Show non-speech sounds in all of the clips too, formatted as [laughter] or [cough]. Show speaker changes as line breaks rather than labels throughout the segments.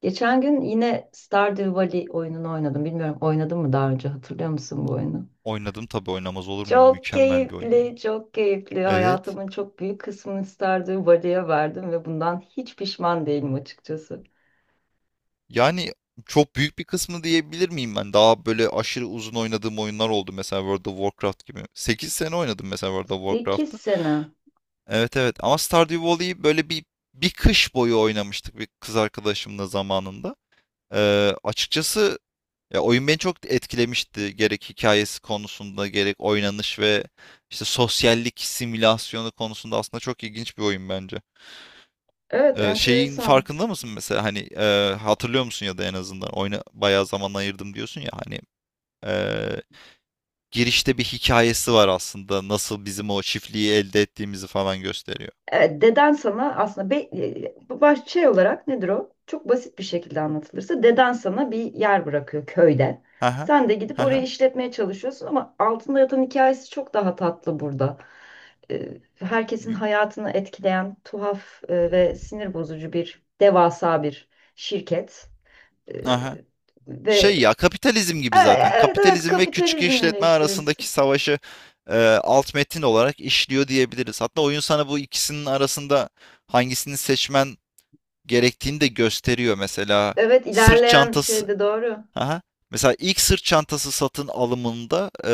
Geçen gün yine Stardew Valley oyununu oynadım. Bilmiyorum oynadın mı daha önce, hatırlıyor musun bu oyunu?
Oynadım tabii oynamaz olur muyum?
Çok
Mükemmel bir oyun ya.
keyifli, çok keyifli.
Evet.
Hayatımın çok büyük kısmını Stardew Valley'e verdim ve bundan hiç pişman değilim açıkçası.
Yani çok büyük bir kısmı diyebilir miyim ben? Daha böyle aşırı uzun oynadığım oyunlar oldu. Mesela World of Warcraft gibi. 8 sene oynadım mesela World of
8
Warcraft'ı.
sene.
Evet evet ama Stardew Valley'i böyle bir kış boyu oynamıştık bir kız arkadaşımla zamanında. Açıkçası ya oyun beni çok etkilemişti. Gerek hikayesi konusunda gerek oynanış ve işte sosyallik simülasyonu konusunda aslında çok ilginç bir oyun bence.
Evet,
Şeyin
enteresan.
farkında mısın mesela hani, hatırlıyor musun ya da en azından oyuna bayağı zaman ayırdım diyorsun ya hani, eee, girişte bir hikayesi var aslında nasıl bizim o çiftliği elde ettiğimizi falan gösteriyor.
Evet, deden sana aslında bu şey olarak nedir o? Çok basit bir şekilde anlatılırsa deden sana bir yer bırakıyor köyden.
Hı hı.
Sen de gidip orayı
Hı.
işletmeye çalışıyorsun ama altında yatan hikayesi çok daha tatlı burada. Herkesin hayatını etkileyen tuhaf ve sinir bozucu devasa bir şirket. E, ve
Şey ya, kapitalizm
e,
gibi zaten.
evet, evet,
Kapitalizm ve küçük
kapitalizm
işletme
eleştirisi.
arasındaki savaşı, eee, alt metin olarak işliyor diyebiliriz. Hatta oyun sana bu ikisinin arasında hangisini seçmen gerektiğini de gösteriyor. Mesela
Evet,
sırt
ilerleyen şey
çantası.
de doğru.
Aha. Mesela ilk sırt çantası satın alımında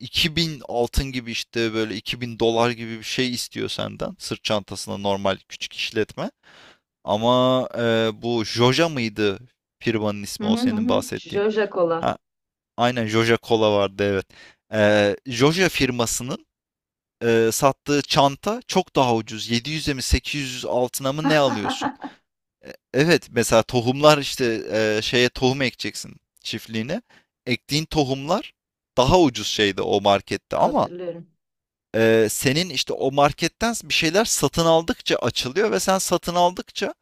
2000 altın gibi işte böyle 2000 dolar gibi bir şey istiyor senden. Sırt çantasına normal küçük işletme. Ama bu Joja mıydı firmanın
Hı
ismi o
hı hı.
senin
Hı.
bahsettiğin?
Jojo Cola
Ha, aynen Joja Cola vardı evet. Joja firmasının sattığı çanta çok daha ucuz. 700'e mi 800 altına mı ne alıyorsun? Evet mesela tohumlar işte şeye tohum ekeceksin çiftliğine. Ektiğin tohumlar daha ucuz şeyde o markette ama
hatırlıyorum.
senin işte o marketten bir şeyler satın aldıkça açılıyor ve sen satın aldıkça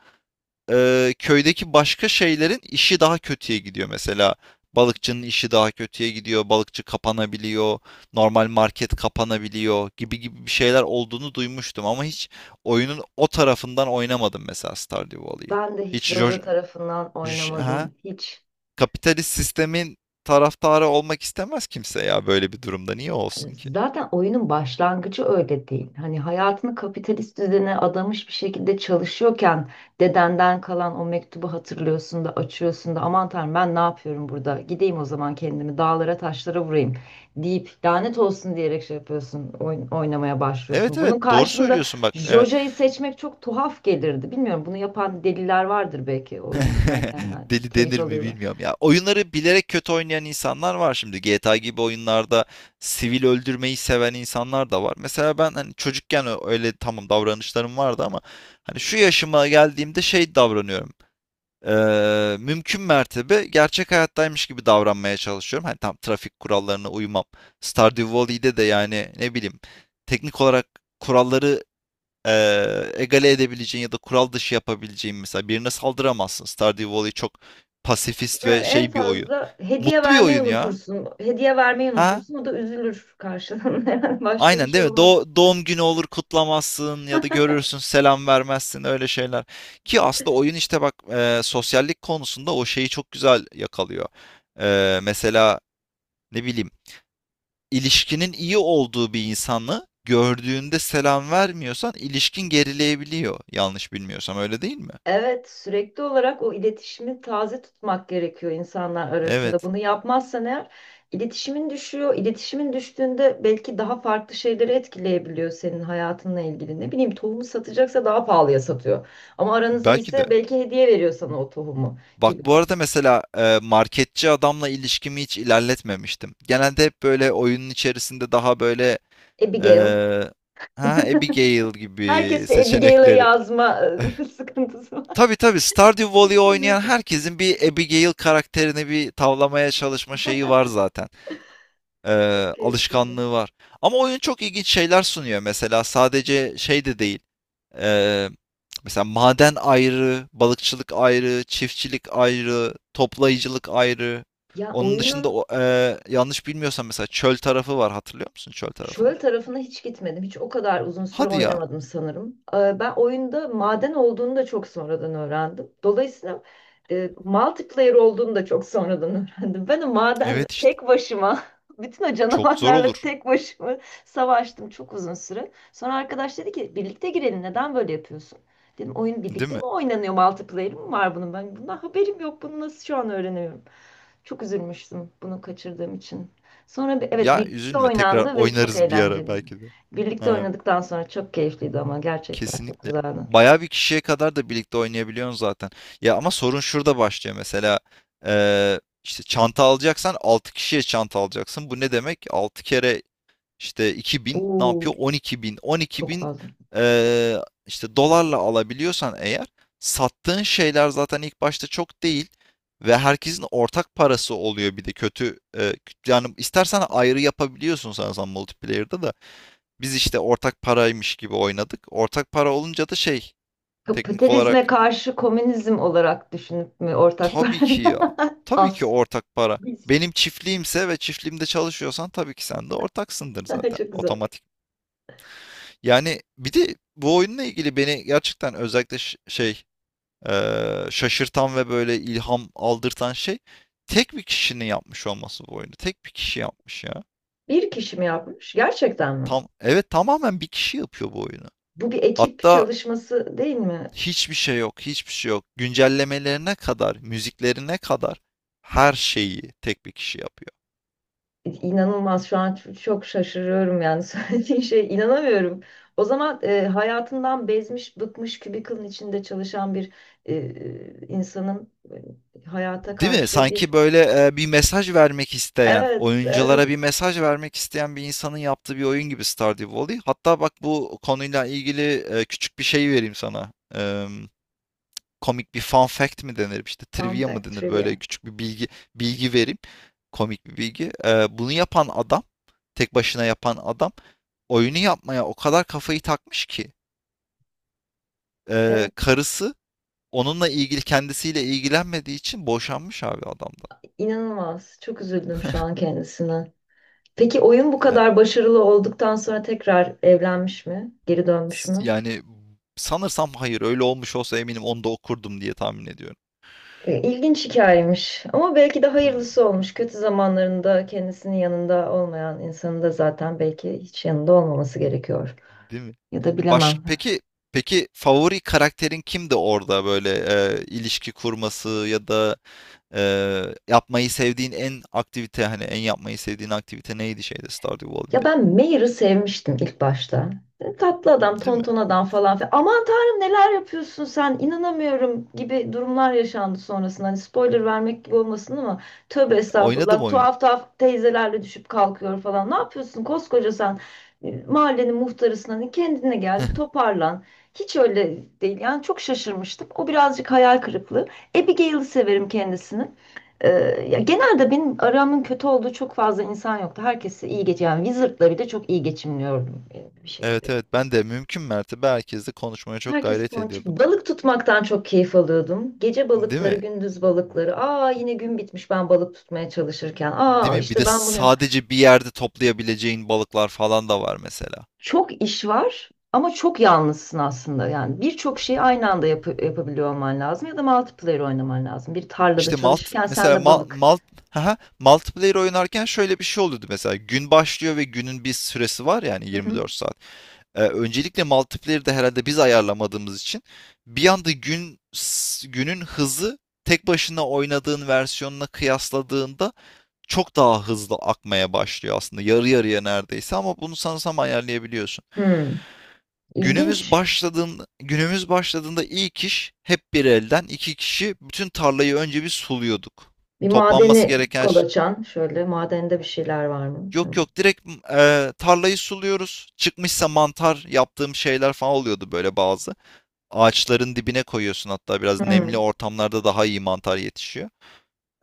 köydeki başka şeylerin işi daha kötüye gidiyor. Mesela balıkçının işi daha kötüye gidiyor. Balıkçı kapanabiliyor. Normal market kapanabiliyor gibi gibi bir şeyler olduğunu duymuştum ama hiç oyunun o tarafından oynamadım mesela Stardew Valley'i.
Ben de hiç
Hiç
Roja
jo-
tarafından
Ha?
oynamadım. Hiç.
Kapitalist sistemin taraftarı olmak istemez kimse ya böyle bir durumda. Niye olsun
Yani
ki?
zaten oyunun başlangıcı öyle değil. Hani hayatını kapitalist düzene adamış bir şekilde çalışıyorken dedenden kalan o mektubu hatırlıyorsun da açıyorsun da, aman tanrım ben ne yapıyorum burada? Gideyim o zaman kendimi dağlara taşlara vurayım deyip lanet olsun diyerek şey yapıyorsun, oynamaya
Evet
başlıyorsun.
evet,
Bunun
doğru
karşında
söylüyorsun bak. Evet.
Joja'yı seçmek çok tuhaf gelirdi. Bilmiyorum, bunu yapan deliler vardır belki, oyun oynarken
[laughs]
yani
Deli
keyif
denir mi
alıyorlar.
bilmiyorum ya. Oyunları bilerek kötü oynayan insanlar var şimdi. GTA gibi oyunlarda sivil öldürmeyi seven insanlar da var. Mesela ben hani çocukken öyle tamam davranışlarım vardı ama hani şu yaşıma geldiğimde şey davranıyorum. Mümkün mertebe gerçek hayattaymış gibi davranmaya çalışıyorum. Hani tam trafik kurallarına uymam. Stardew Valley'de de yani ne bileyim teknik olarak kuralları egale edebileceğin ya da kural dışı yapabileceğin mesela birine saldıramazsın. Stardew Valley çok pasifist ve
Yani en
şey bir oyun.
fazla hediye
Mutlu bir
vermeyi
oyun ya.
unutursun. Hediye vermeyi
Ha?
unutursun. O da üzülür karşılığında. [laughs] Yani başka bir
Aynen
şey
değil mi?
olmaz.
Doğum günü olur kutlamazsın ya da görürsün selam vermezsin öyle şeyler. Ki aslında oyun işte bak, sosyallik konusunda o şeyi çok güzel yakalıyor. Mesela ne bileyim ilişkinin iyi olduğu bir insanı gördüğünde selam vermiyorsan ilişkin gerileyebiliyor. Yanlış bilmiyorsam öyle değil mi?
Evet, sürekli olarak o iletişimi taze tutmak gerekiyor insanlar arasında.
Evet.
Bunu yapmazsan eğer iletişimin düşüyor. İletişimin düştüğünde belki daha farklı şeyleri etkileyebiliyor senin hayatınla ilgili. Ne bileyim, tohumu satacaksa daha pahalıya satıyor. Ama aranız
Belki de.
iyiyse belki hediye veriyor sana o tohumu
Bak
gibi.
bu arada mesela marketçi adamla ilişkimi hiç ilerletmemiştim. Genelde hep böyle oyunun içerisinde daha böyle
Abigail.
Eee, ha, Abigail gibi
Herkes bir Abigail'e
seçenekleri.
yazma [laughs] sıkıntısı
[laughs] Tabii tabii, Stardew Valley oynayan
var.
herkesin bir Abigail karakterini bir tavlamaya çalışma şeyi var zaten.
Çok keyifliydi.
Alışkanlığı var. Ama oyun çok ilginç şeyler sunuyor. Mesela sadece şey de değil. Eee, Mesela maden ayrı, balıkçılık ayrı, çiftçilik ayrı, toplayıcılık ayrı.
Ya
Onun dışında
oyunun
yanlış bilmiyorsam mesela çöl tarafı var. Hatırlıyor musun çöl tarafını?
çöl tarafına hiç gitmedim. Hiç o kadar uzun süre
Hadi ya.
oynamadım sanırım. Ben oyunda maden olduğunu da çok sonradan öğrendim. Dolayısıyla multiplayer olduğunu da çok sonradan [laughs] öğrendim. Ben o madende
Evet işte.
tek başıma, [laughs] bütün o
Çok zor
canavarlarla
olur,
tek başıma savaştım çok uzun süre. Sonra arkadaş dedi ki birlikte girelim, neden böyle yapıyorsun? Dedim, oyun
değil
birlikte mi
mi?
oynanıyor, multiplayer mi var bunun? Ben bundan haberim yok, bunu nasıl şu an öğreniyorum? Çok üzülmüştüm bunu kaçırdığım için. Sonra evet,
Ya
birlikte
üzülme, tekrar
oynandı ve çok
oynarız bir ara
eğlenceliydi.
belki de.
Birlikte
Ha,
oynadıktan sonra çok keyifliydi ama gerçekten çok
kesinlikle.
güzeldi.
Bayağı bir kişiye kadar da birlikte oynayabiliyorsun zaten. Ya ama sorun şurada başlıyor mesela. İşte çanta alacaksan 6 kişiye çanta alacaksın. Bu ne demek? 6 kere İşte 2000, ne
Oo,
yapıyor? 12.000.
çok
12.000
fazla.
eee işte dolarla alabiliyorsan eğer, sattığın şeyler zaten ilk başta çok değil ve herkesin ortak parası oluyor. Bir de kötü, yani istersen ayrı yapabiliyorsun sanırsam multiplayer'da da. Biz işte ortak paraymış gibi oynadık. Ortak para olunca da şey, teknik
Kapitalizme
olarak
karşı komünizm olarak düşünüp mü ortak var?
tabii ki ya.
[laughs]
Tabii ki
Az.
ortak para.
Biz.
Benim çiftliğimse ve çiftliğimde çalışıyorsan tabii ki sen de ortaksındır
[laughs]
zaten
Çok güzel.
otomatik. Yani bir de bu oyunla ilgili beni gerçekten özellikle şey şaşırtan ve böyle ilham aldırtan şey tek bir kişinin yapmış olması bu oyunu. Tek bir kişi yapmış ya.
Bir kişi mi yapmış? Gerçekten mi?
Tam, evet, tamamen bir kişi yapıyor bu oyunu.
Bu bir ekip
Hatta
çalışması değil mi?
hiçbir şey yok, hiçbir şey yok. Güncellemelerine kadar, müziklerine kadar her şeyi tek bir kişi yapıyor.
İnanılmaz, şu an çok şaşırıyorum yani. [laughs] Söylediğin şey inanamıyorum. O zaman hayatından bezmiş, bıkmış, cubicle'ın içinde çalışan bir insanın hayata
Değil mi?
karşı
Sanki
bir
böyle, bir mesaj vermek isteyen,
evet,
oyunculara
evet,
bir mesaj vermek isteyen bir insanın yaptığı bir oyun gibi Stardew Valley. Hatta bak bu konuyla ilgili küçük bir şey vereyim sana. Komik bir fun fact mi denir, işte
fun
trivia mı
fact
denir, böyle
trivia.
küçük bir bilgi vereyim. Komik bir bilgi. Bunu yapan adam, tek başına yapan adam, oyunu yapmaya o kadar kafayı takmış ki,
Evet,
karısı onunla ilgili kendisiyle ilgilenmediği için boşanmış abi adamdan.
inanılmaz. Çok üzüldüm şu an kendisine. Peki oyun bu
Yani
kadar başarılı olduktan sonra tekrar evlenmiş mi? Geri dönmüş
S-
mü?
Yani sanırsam hayır, öyle olmuş olsa eminim onu da okurdum diye tahmin ediyorum.
İlginç hikayemiş ama belki de
Hmm.
hayırlısı olmuş. Kötü zamanlarında kendisinin yanında olmayan insanın da zaten belki hiç yanında olmaması gerekiyor.
Değil mi?
Ya da
Baş
bilemem.
peki peki favori karakterin kimdi orada böyle, ilişki kurması ya da e, yapmayı sevdiğin en aktivite hani en yapmayı sevdiğin aktivite neydi şeyde, Stardew
Ya,
Valley'de?
ben Mayer'ı sevmiştim ilk başta. Dedim, tatlı adam,
Değil mi?
tonton adam falan filan. Aman tanrım, neler yapıyorsun sen, inanamıyorum gibi durumlar yaşandı sonrasında. Hani spoiler vermek gibi olmasın ama tövbe
Oynadım
estağfurullah,
oyunu.
tuhaf tuhaf teyzelerle düşüp kalkıyor falan. Ne yapıyorsun koskoca sen? Mahallenin muhtarısın, hani kendine gel, bir toparlan. Hiç öyle değil yani, çok şaşırmıştım. O birazcık hayal kırıklığı. Abigail'i severim kendisini. Ee, Ya genelde benim aramın kötü olduğu çok fazla insan yoktu. Herkesi iyi geç yani, Wizard'la bile çok iyi geçimliyordum bir
Evet
şekilde.
evet, ben de mümkün mertebe herkesle konuşmaya çok
Herkes
gayret
ponçik.
ediyordum.
Balık tutmaktan çok keyif alıyordum. Gece
Değil
balıkları,
mi?
gündüz balıkları. Aa, yine gün bitmiş ben balık tutmaya çalışırken.
Değil
Aa,
mi? Bir
işte
de
ben bunu yap.
sadece bir yerde toplayabileceğin balıklar falan da var mesela.
Çok iş var ama çok yalnızsın aslında. Yani birçok şeyi aynı anda yapabiliyor olman lazım ya da multiplayer oynaman lazım. Bir tarlada
İşte malt
çalışırken sen
mesela
de
mal,
balık.
malt haha, multiplayer oynarken şöyle bir şey oluyordu mesela, gün başlıyor ve günün bir süresi var yani
Hı hı.
24 saat. Öncelikle multiplayer'de herhalde biz ayarlamadığımız için bir anda günün hızı, tek başına oynadığın versiyonuna kıyasladığında çok daha hızlı akmaya başlıyor aslında, yarı yarıya neredeyse, ama bunu sanırsam ayarlayabiliyorsun.
Hmm,
Günümüz
ilginç.
başladığında, günümüz başladığında ilk iş hep bir elden iki kişi bütün tarlayı önce bir suluyorduk.
Bir
Toplanması
madeni
gereken
kol açan, şöyle madende bir şeyler var mı?
yok yok, direkt tarlayı suluyoruz. Çıkmışsa mantar yaptığım şeyler falan oluyordu böyle bazı. Ağaçların dibine koyuyorsun hatta, biraz nemli
Hmm.
ortamlarda daha iyi mantar yetişiyor.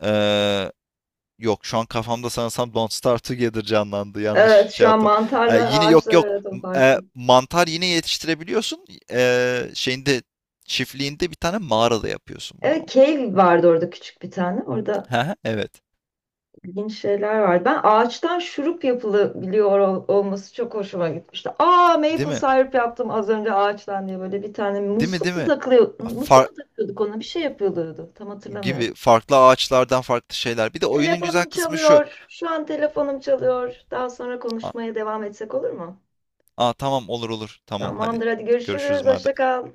Ee, Yok, şu an kafamda sanırsam Don't Starve Together canlandı. Yanlış
Evet,
şey
şu an
yaptım.
mantarlar
Yine yok
ağaçlar
yok.
arada farklı.
Mantar yine yetiştirebiliyorsun. Şeyinde, çiftliğinde bir tane mağarada yapıyorsun bunu
Evet,
ama.
cave vardı orada küçük bir tane. Orada
Hı hı, evet.
ilginç şeyler vardı. Ben ağaçtan şurup yapılabiliyor olması çok hoşuma gitmişti. Aa,
Değil
maple
mi?
syrup yaptım az önce ağaçtan diye, böyle bir tane
Değil mi?
musluk
Değil
mu
mi?
takılıyor? Musluk
Far
mu takıyorduk, ona bir şey yapılıyordu. Tam hatırlamıyorum.
Gibi farklı ağaçlardan farklı şeyler. Bir de oyunun güzel
Telefonum
kısmı şu.
çalıyor. Şu an telefonum çalıyor. Daha sonra
Aa,
konuşmaya devam etsek olur mu?
aa, tamam, olur olur. Tamam hadi.
Tamamdır, hadi
Görüşürüz
görüşürüz.
madem.
Hoşça
Bay
kal.